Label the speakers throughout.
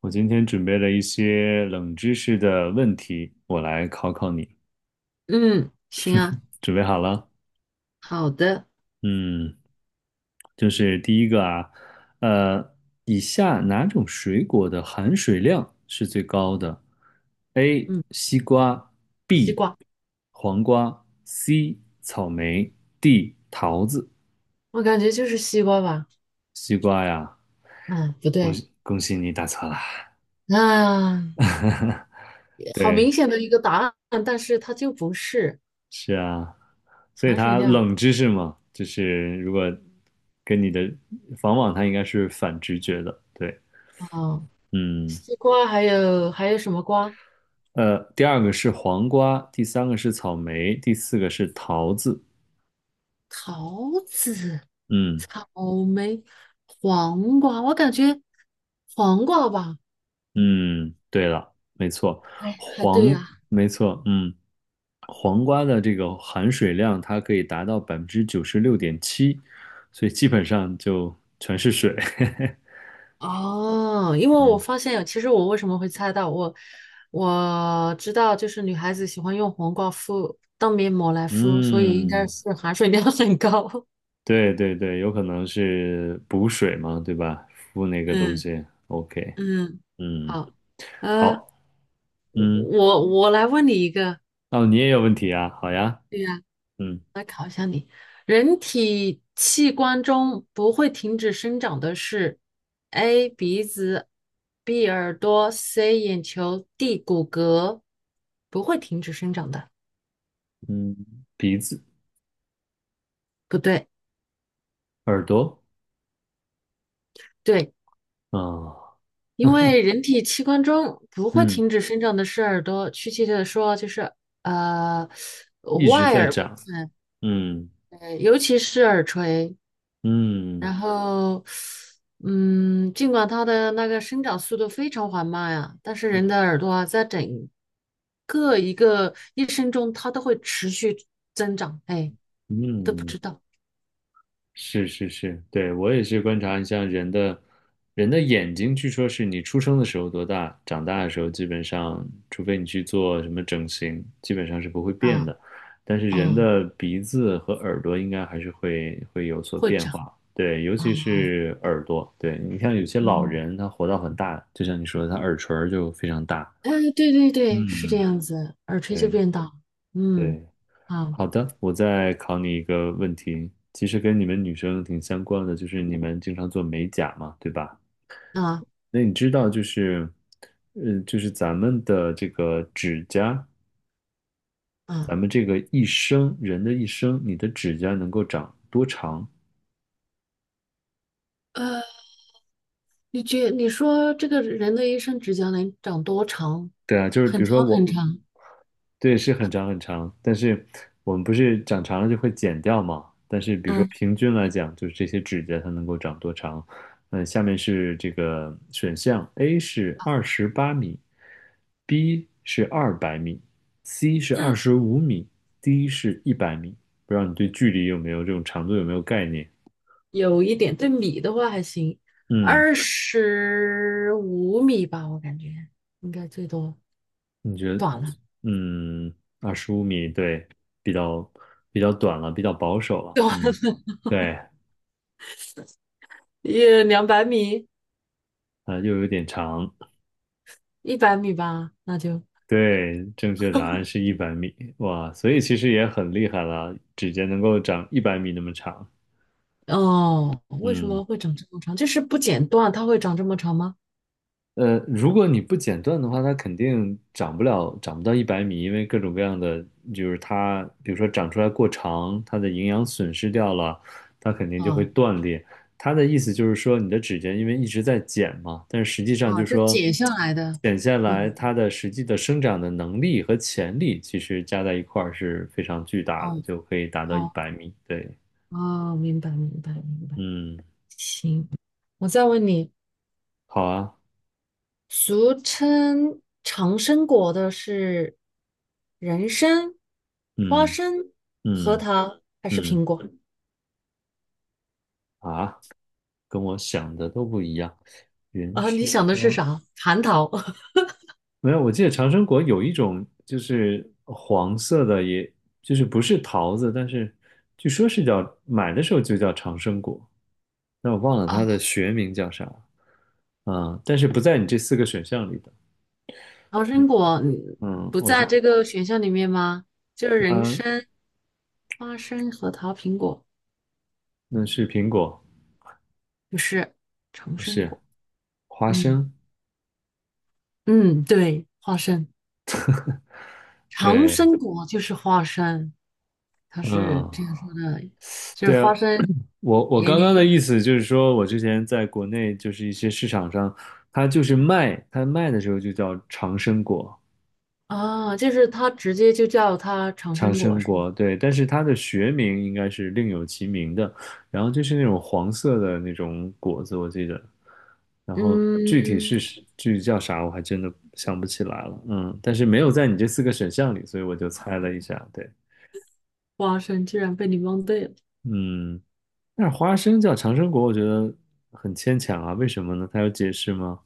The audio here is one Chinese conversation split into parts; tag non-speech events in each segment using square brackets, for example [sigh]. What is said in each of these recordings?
Speaker 1: 我今天准备了一些冷知识的问题，我来考考你。
Speaker 2: 嗯，行啊，
Speaker 1: 准备好了？
Speaker 2: 好的，
Speaker 1: 嗯，就是第一个啊，呃，以下哪种水果的含水量是最高的？A.
Speaker 2: 嗯，
Speaker 1: 西瓜
Speaker 2: 西
Speaker 1: B.
Speaker 2: 瓜，
Speaker 1: 黄瓜 C. 草莓 D. 桃子。
Speaker 2: 我感觉就是西瓜吧，
Speaker 1: 西瓜呀，
Speaker 2: 嗯，不
Speaker 1: 恭
Speaker 2: 对，
Speaker 1: 喜恭喜你答错了。
Speaker 2: 啊，
Speaker 1: [laughs]
Speaker 2: 好明
Speaker 1: 对，
Speaker 2: 显的一个答案，但是它就不是
Speaker 1: 是啊。所以
Speaker 2: 含水
Speaker 1: 它
Speaker 2: 量。
Speaker 1: 冷知识嘛，就是如果跟你的往往它应该是反直觉的，对，
Speaker 2: 哦，
Speaker 1: 嗯，
Speaker 2: 西瓜还有什么瓜？
Speaker 1: 第二个是黄瓜，第三个是草莓，第四个是桃子，
Speaker 2: 桃子、
Speaker 1: 嗯
Speaker 2: 草莓、黄瓜，我感觉黄瓜吧，
Speaker 1: 嗯，对了，没错，
Speaker 2: 哎，还对
Speaker 1: 黄，
Speaker 2: 呀，
Speaker 1: 没错，嗯，黄瓜的这个含水量它可以达到96.7%，所以基本上就全是水，[laughs]
Speaker 2: 哦，因为我
Speaker 1: 嗯
Speaker 2: 发现有，其实我为什么会猜到，我知道，就是女孩子喜欢用黄瓜敷当面膜来敷，所以应该
Speaker 1: 嗯。
Speaker 2: 是含水量很高。
Speaker 1: 对对对，有可能是补水嘛，对吧？敷那
Speaker 2: [laughs]
Speaker 1: 个东
Speaker 2: 嗯
Speaker 1: 西。OK，
Speaker 2: 嗯，
Speaker 1: 嗯，
Speaker 2: 好，呃，
Speaker 1: 好，嗯，
Speaker 2: 我来问你一个，
Speaker 1: 哦，你也有问题啊？好呀，
Speaker 2: 对呀，
Speaker 1: 嗯
Speaker 2: 人体器官中不会停止生长的是 A 鼻子，B 耳朵，C 眼球，D 骨骼，不会停止生长的，
Speaker 1: 嗯，鼻子、
Speaker 2: 不对。
Speaker 1: 耳朵，
Speaker 2: 对。
Speaker 1: 啊、
Speaker 2: 因为人体器官中不会
Speaker 1: 嗯，
Speaker 2: 停止生长的是耳朵，确切的说就是呃
Speaker 1: 一直
Speaker 2: 外
Speaker 1: 在
Speaker 2: 耳部
Speaker 1: 长，
Speaker 2: 分，
Speaker 1: 嗯
Speaker 2: 尤其是耳垂。
Speaker 1: 嗯
Speaker 2: 然后，尽管它的那个生长速度非常缓慢呀，但是人的耳朵啊，在整个一个一生中，它都会持续增长。哎，都不
Speaker 1: 嗯。
Speaker 2: 知道
Speaker 1: 是是是，对，我也是观察你像人的眼睛，据说是你出生的时候多大，长大的时候基本上，除非你去做什么整形，基本上是不会变
Speaker 2: 啊，
Speaker 1: 的。但是人
Speaker 2: 哦，
Speaker 1: 的鼻子和耳朵应该还是会有所
Speaker 2: 会
Speaker 1: 变
Speaker 2: 长
Speaker 1: 化，对，尤
Speaker 2: 啊，
Speaker 1: 其是耳朵，对，你像有些老
Speaker 2: 嗯。
Speaker 1: 人他活到很大，就像你说的，他耳垂儿就非常大，
Speaker 2: 嗯，对对对，是这
Speaker 1: 嗯，
Speaker 2: 样子，耳垂就
Speaker 1: 对
Speaker 2: 变大。嗯，
Speaker 1: 对，
Speaker 2: 啊
Speaker 1: 好的，我再考你一个问题，其实跟你们女生挺相关的，就是你们经常做美甲嘛，对吧？
Speaker 2: 啊
Speaker 1: 那你知道就是，嗯，就是咱们的这个指甲，
Speaker 2: 啊，
Speaker 1: 咱们这个一生，人的一生，你的指甲能够长多长？
Speaker 2: 呃，你说这个人的一生指甲能长多长？
Speaker 1: 对啊，就是比
Speaker 2: 很
Speaker 1: 如说
Speaker 2: 长很
Speaker 1: 我
Speaker 2: 长。
Speaker 1: 对，是很长很长，但是我们不是长长了就会剪掉嘛？但是比如说
Speaker 2: 嗯，
Speaker 1: 平均来讲，就是这些指甲它能够长多长？嗯，下面是这个选项：A 是28米，B 是200米，C 是二十五米，D 是一百米。不知道你对距离有没有这种长度有没有概念？
Speaker 2: 有一点，对米的话还行，
Speaker 1: 嗯，
Speaker 2: 25米吧，我感觉应该最多，
Speaker 1: 你觉得？
Speaker 2: 短了，
Speaker 1: 嗯，二十五米，对，比较比较短了，比较保守了。
Speaker 2: 短
Speaker 1: 嗯，对，
Speaker 2: 也200米，
Speaker 1: 啊、又有点长。
Speaker 2: 100米吧，
Speaker 1: 对，正确答案是一百米，哇，所以其实也很厉害了，指甲能够长一百米那么长。
Speaker 2: 哦，为什
Speaker 1: 嗯。
Speaker 2: 么会长这么长？就是不剪断，它会长这么长吗？
Speaker 1: 如果你不剪断的话，它肯定长不了，长不到一百米，因为各种各样的，就是它，比如说长出来过长，它的营养损失掉了，它肯定就会
Speaker 2: 啊。
Speaker 1: 断裂。它的意思就是说，你的指甲因为一直在剪嘛，但是实际上
Speaker 2: 哦，
Speaker 1: 就是
Speaker 2: 就
Speaker 1: 说，
Speaker 2: 解下来的，
Speaker 1: 剪下
Speaker 2: 我
Speaker 1: 来它的实际的生长的能力和潜力，其实加在一块儿是非常巨大
Speaker 2: 哦
Speaker 1: 的，就可以达到一
Speaker 2: 哦
Speaker 1: 百米。对，
Speaker 2: 哦，明白明白明白。
Speaker 1: 嗯，
Speaker 2: 行，我再问你，
Speaker 1: 好啊，
Speaker 2: 俗称长生果的是人参、花
Speaker 1: 嗯
Speaker 2: 生、核
Speaker 1: 嗯
Speaker 2: 桃还是
Speaker 1: 嗯
Speaker 2: 苹果？
Speaker 1: 啊。跟我想的都不一样。原
Speaker 2: 啊，你
Speaker 1: 生
Speaker 2: 想的是啥？蟠桃 [laughs]。
Speaker 1: 没有，我记得长生果有一种就是黄色的也，就是不是桃子，但是据说是叫买的时候就叫长生果，但我忘了
Speaker 2: 啊，
Speaker 1: 它的学名叫啥。嗯，但是不在你这四个选项里的。
Speaker 2: 长生果
Speaker 1: 嗯，
Speaker 2: 不
Speaker 1: 我
Speaker 2: 在
Speaker 1: 是
Speaker 2: 这个选项里面吗？就是人
Speaker 1: 它，
Speaker 2: 参、花生、核桃、苹果，
Speaker 1: 那是苹果，
Speaker 2: 不是长
Speaker 1: 不
Speaker 2: 生
Speaker 1: 是
Speaker 2: 果。
Speaker 1: 花
Speaker 2: 嗯
Speaker 1: 生。
Speaker 2: 嗯，对，花生。长
Speaker 1: 对，
Speaker 2: 生果就是花生，它是
Speaker 1: 嗯，
Speaker 2: 这样说的，就是
Speaker 1: 对啊，
Speaker 2: 花生
Speaker 1: 我
Speaker 2: 延
Speaker 1: 刚
Speaker 2: 年
Speaker 1: 刚的
Speaker 2: 益
Speaker 1: 意思就是说，我之前在国内就是一些市场上，它就是卖，它卖的时候就叫长生果，
Speaker 2: 啊，就是它直接就叫它长
Speaker 1: 长
Speaker 2: 生果
Speaker 1: 生
Speaker 2: 是吗？
Speaker 1: 果，对，但是它的学名应该是另有其名的，然后就是那种黄色的那种果子，我记得，然后具体
Speaker 2: 嗯，
Speaker 1: 是具体叫啥，我还真的想不起来了，嗯，但是没有在你这四个选项里，所以我就猜了一下，对，
Speaker 2: 花生居然被你蒙对了。
Speaker 1: 嗯，但是花生叫长生果，我觉得很牵强啊，为什么呢？它有解释吗？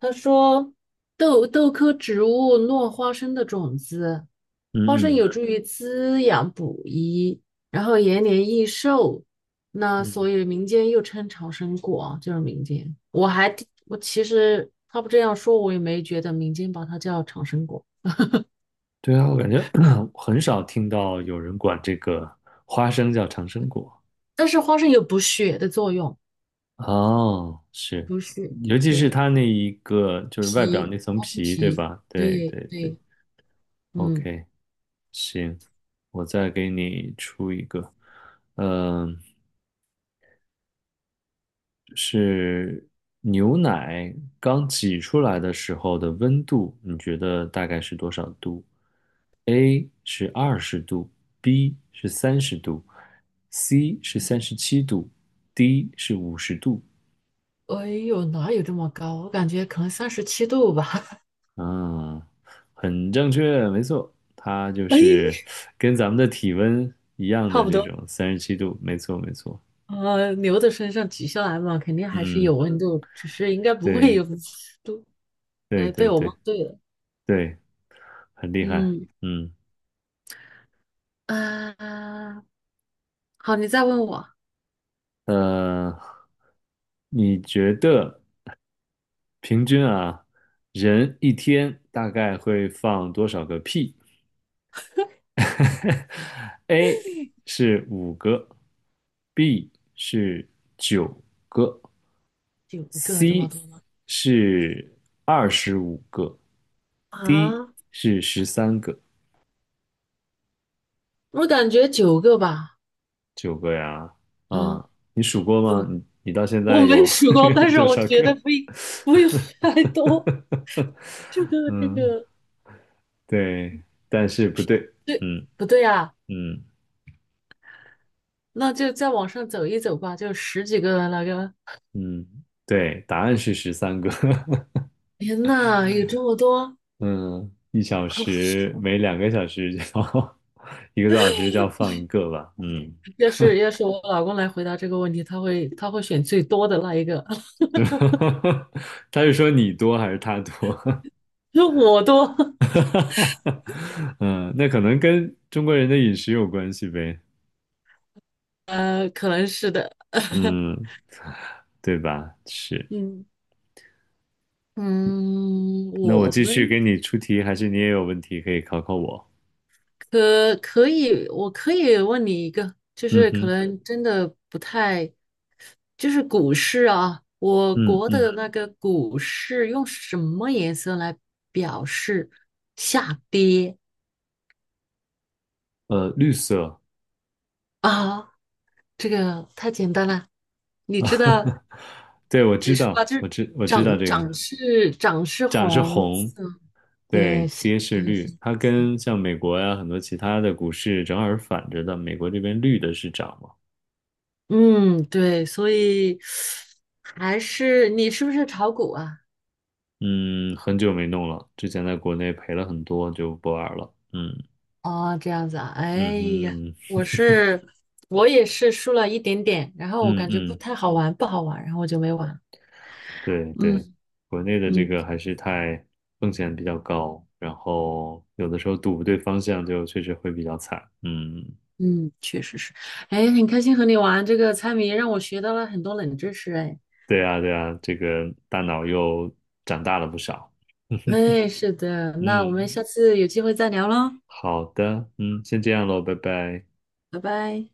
Speaker 2: 他说豆科植物落花生的种子，
Speaker 1: 嗯
Speaker 2: 花生
Speaker 1: 嗯
Speaker 2: 有助于滋养补益，然后延年益寿。那
Speaker 1: 嗯，
Speaker 2: 所以民间又称长生果啊，就是民间。我还挺我其实他不这样说，我也没觉得民间把它叫长生果。
Speaker 1: 对啊，我感觉 [clears throat] 很少听到有人管这个花生叫长生果。
Speaker 2: 但是花生有补血的作用，
Speaker 1: 哦，是，
Speaker 2: 补血，
Speaker 1: 尤其
Speaker 2: 对，
Speaker 1: 是它那一个就是外表
Speaker 2: 皮，
Speaker 1: 那层
Speaker 2: 花生
Speaker 1: 皮，对
Speaker 2: 皮，
Speaker 1: 吧？对
Speaker 2: 对
Speaker 1: 对对
Speaker 2: 对，嗯，
Speaker 1: ，OK，行，我再给你出一个，嗯、是牛奶刚挤出来的时候的温度，你觉得大概是多少度？A 是20度，B 是30度，C 是三十七度，D 是50度。
Speaker 2: 哎呦，哪有这么高？我感觉可能37度吧，
Speaker 1: 啊，很正确，没错，它就
Speaker 2: [laughs] 哎，
Speaker 1: 是跟咱们的体温一样
Speaker 2: 差
Speaker 1: 的
Speaker 2: 不
Speaker 1: 这
Speaker 2: 多。
Speaker 1: 种三十七度，没错，没错。
Speaker 2: 牛的身上取下来嘛，肯定还是
Speaker 1: 嗯，
Speaker 2: 有温度，只是应该不会
Speaker 1: 对，
Speaker 2: 有 [laughs]。
Speaker 1: 对，
Speaker 2: 哎，被
Speaker 1: 对，
Speaker 2: 我
Speaker 1: 对，
Speaker 2: 蒙对了。
Speaker 1: 对，很厉害。
Speaker 2: 嗯，
Speaker 1: 嗯。
Speaker 2: 啊，好，你再问我
Speaker 1: 呃，你觉得平均啊，人一天大概会放多少个屁 [laughs]？A 是五个，B 是九个
Speaker 2: 九个这么
Speaker 1: ，C
Speaker 2: 多吗？
Speaker 1: 是25个，D
Speaker 2: 啊，
Speaker 1: 是十三个，
Speaker 2: 我感觉九个吧。
Speaker 1: 九个呀。
Speaker 2: 嗯，
Speaker 1: 啊，你数过
Speaker 2: 不
Speaker 1: 吗？
Speaker 2: 能，
Speaker 1: 你到现
Speaker 2: 我
Speaker 1: 在
Speaker 2: 没
Speaker 1: 有
Speaker 2: 数
Speaker 1: [laughs]
Speaker 2: 过，
Speaker 1: 有
Speaker 2: 但是
Speaker 1: 多
Speaker 2: 我
Speaker 1: 少
Speaker 2: 觉得
Speaker 1: 个？
Speaker 2: 不用太多。这
Speaker 1: [laughs]
Speaker 2: 个这
Speaker 1: 嗯。
Speaker 2: 个，
Speaker 1: 对，但是不对，
Speaker 2: 对，
Speaker 1: 嗯
Speaker 2: 不对啊？
Speaker 1: 嗯
Speaker 2: 那就再往上走一走吧，就十几个那个。
Speaker 1: 嗯，对，答案是十三个，
Speaker 2: 天呐，有这么多！
Speaker 1: [laughs] 嗯，一小时
Speaker 2: [laughs]
Speaker 1: 每2个小时叫 [laughs] 一个多小时就要放一个吧，嗯，
Speaker 2: 要是我老公来回答这个问题，他会选最多的那一个。
Speaker 1: 是吧 [laughs] 他是说你多还是他多？
Speaker 2: [laughs] 我多，[laughs]
Speaker 1: [laughs] 嗯，那可能跟中国人的饮食有关系呗，
Speaker 2: 可能是的。[laughs]
Speaker 1: 嗯，对吧？是，
Speaker 2: 嗯。嗯，
Speaker 1: 那我
Speaker 2: 我
Speaker 1: 继续给
Speaker 2: 们
Speaker 1: 你出题，还是你也有问题可以考考我？
Speaker 2: 可以，我可以问你一个，就
Speaker 1: 嗯
Speaker 2: 是可
Speaker 1: 哼，
Speaker 2: 能真的不太，就是股市啊，我
Speaker 1: 嗯
Speaker 2: 国
Speaker 1: 嗯，
Speaker 2: 的那个股市用什么颜色来表示下跌
Speaker 1: 绿色。
Speaker 2: 啊？这个太简单了，
Speaker 1: [laughs]
Speaker 2: 你知道
Speaker 1: 啊，对，我知
Speaker 2: 是吧？
Speaker 1: 道，
Speaker 2: 就是
Speaker 1: 我知道
Speaker 2: 涨
Speaker 1: 这个，
Speaker 2: 涨是涨是
Speaker 1: 涨是
Speaker 2: 红
Speaker 1: 红，
Speaker 2: 色，对，
Speaker 1: 对，
Speaker 2: 下
Speaker 1: 跌是
Speaker 2: 跌
Speaker 1: 绿，
Speaker 2: 是。
Speaker 1: 它跟像美国呀、很多其他的股市正好是反着的，美国这边绿的是涨嘛，
Speaker 2: 嗯，对，所以还是你是不是炒股啊？
Speaker 1: 嗯，很久没弄了，之前在国内赔了很多，就不玩了，嗯
Speaker 2: 哦，这样子啊，
Speaker 1: 嗯
Speaker 2: 哎呀，
Speaker 1: 哼，
Speaker 2: 我是我也是输了一点点，然后我
Speaker 1: 嗯
Speaker 2: 感觉不
Speaker 1: 嗯，
Speaker 2: 太好玩，不好玩，然后我就没玩。
Speaker 1: 对对，
Speaker 2: 嗯
Speaker 1: 国内的这
Speaker 2: 嗯
Speaker 1: 个还是太风险比较高，然后有的时候赌不对方向就确实会比较惨，嗯
Speaker 2: 嗯，确实是，哎，很开心和你玩这个猜谜，让我学到了很多冷知识，哎，
Speaker 1: 对啊，对啊，这个大脑又长大了不少。
Speaker 2: 哎，是的，那我们
Speaker 1: 嗯，
Speaker 2: 下次有机会再聊喽，
Speaker 1: 好的，嗯，先这样喽，拜拜。
Speaker 2: 拜拜。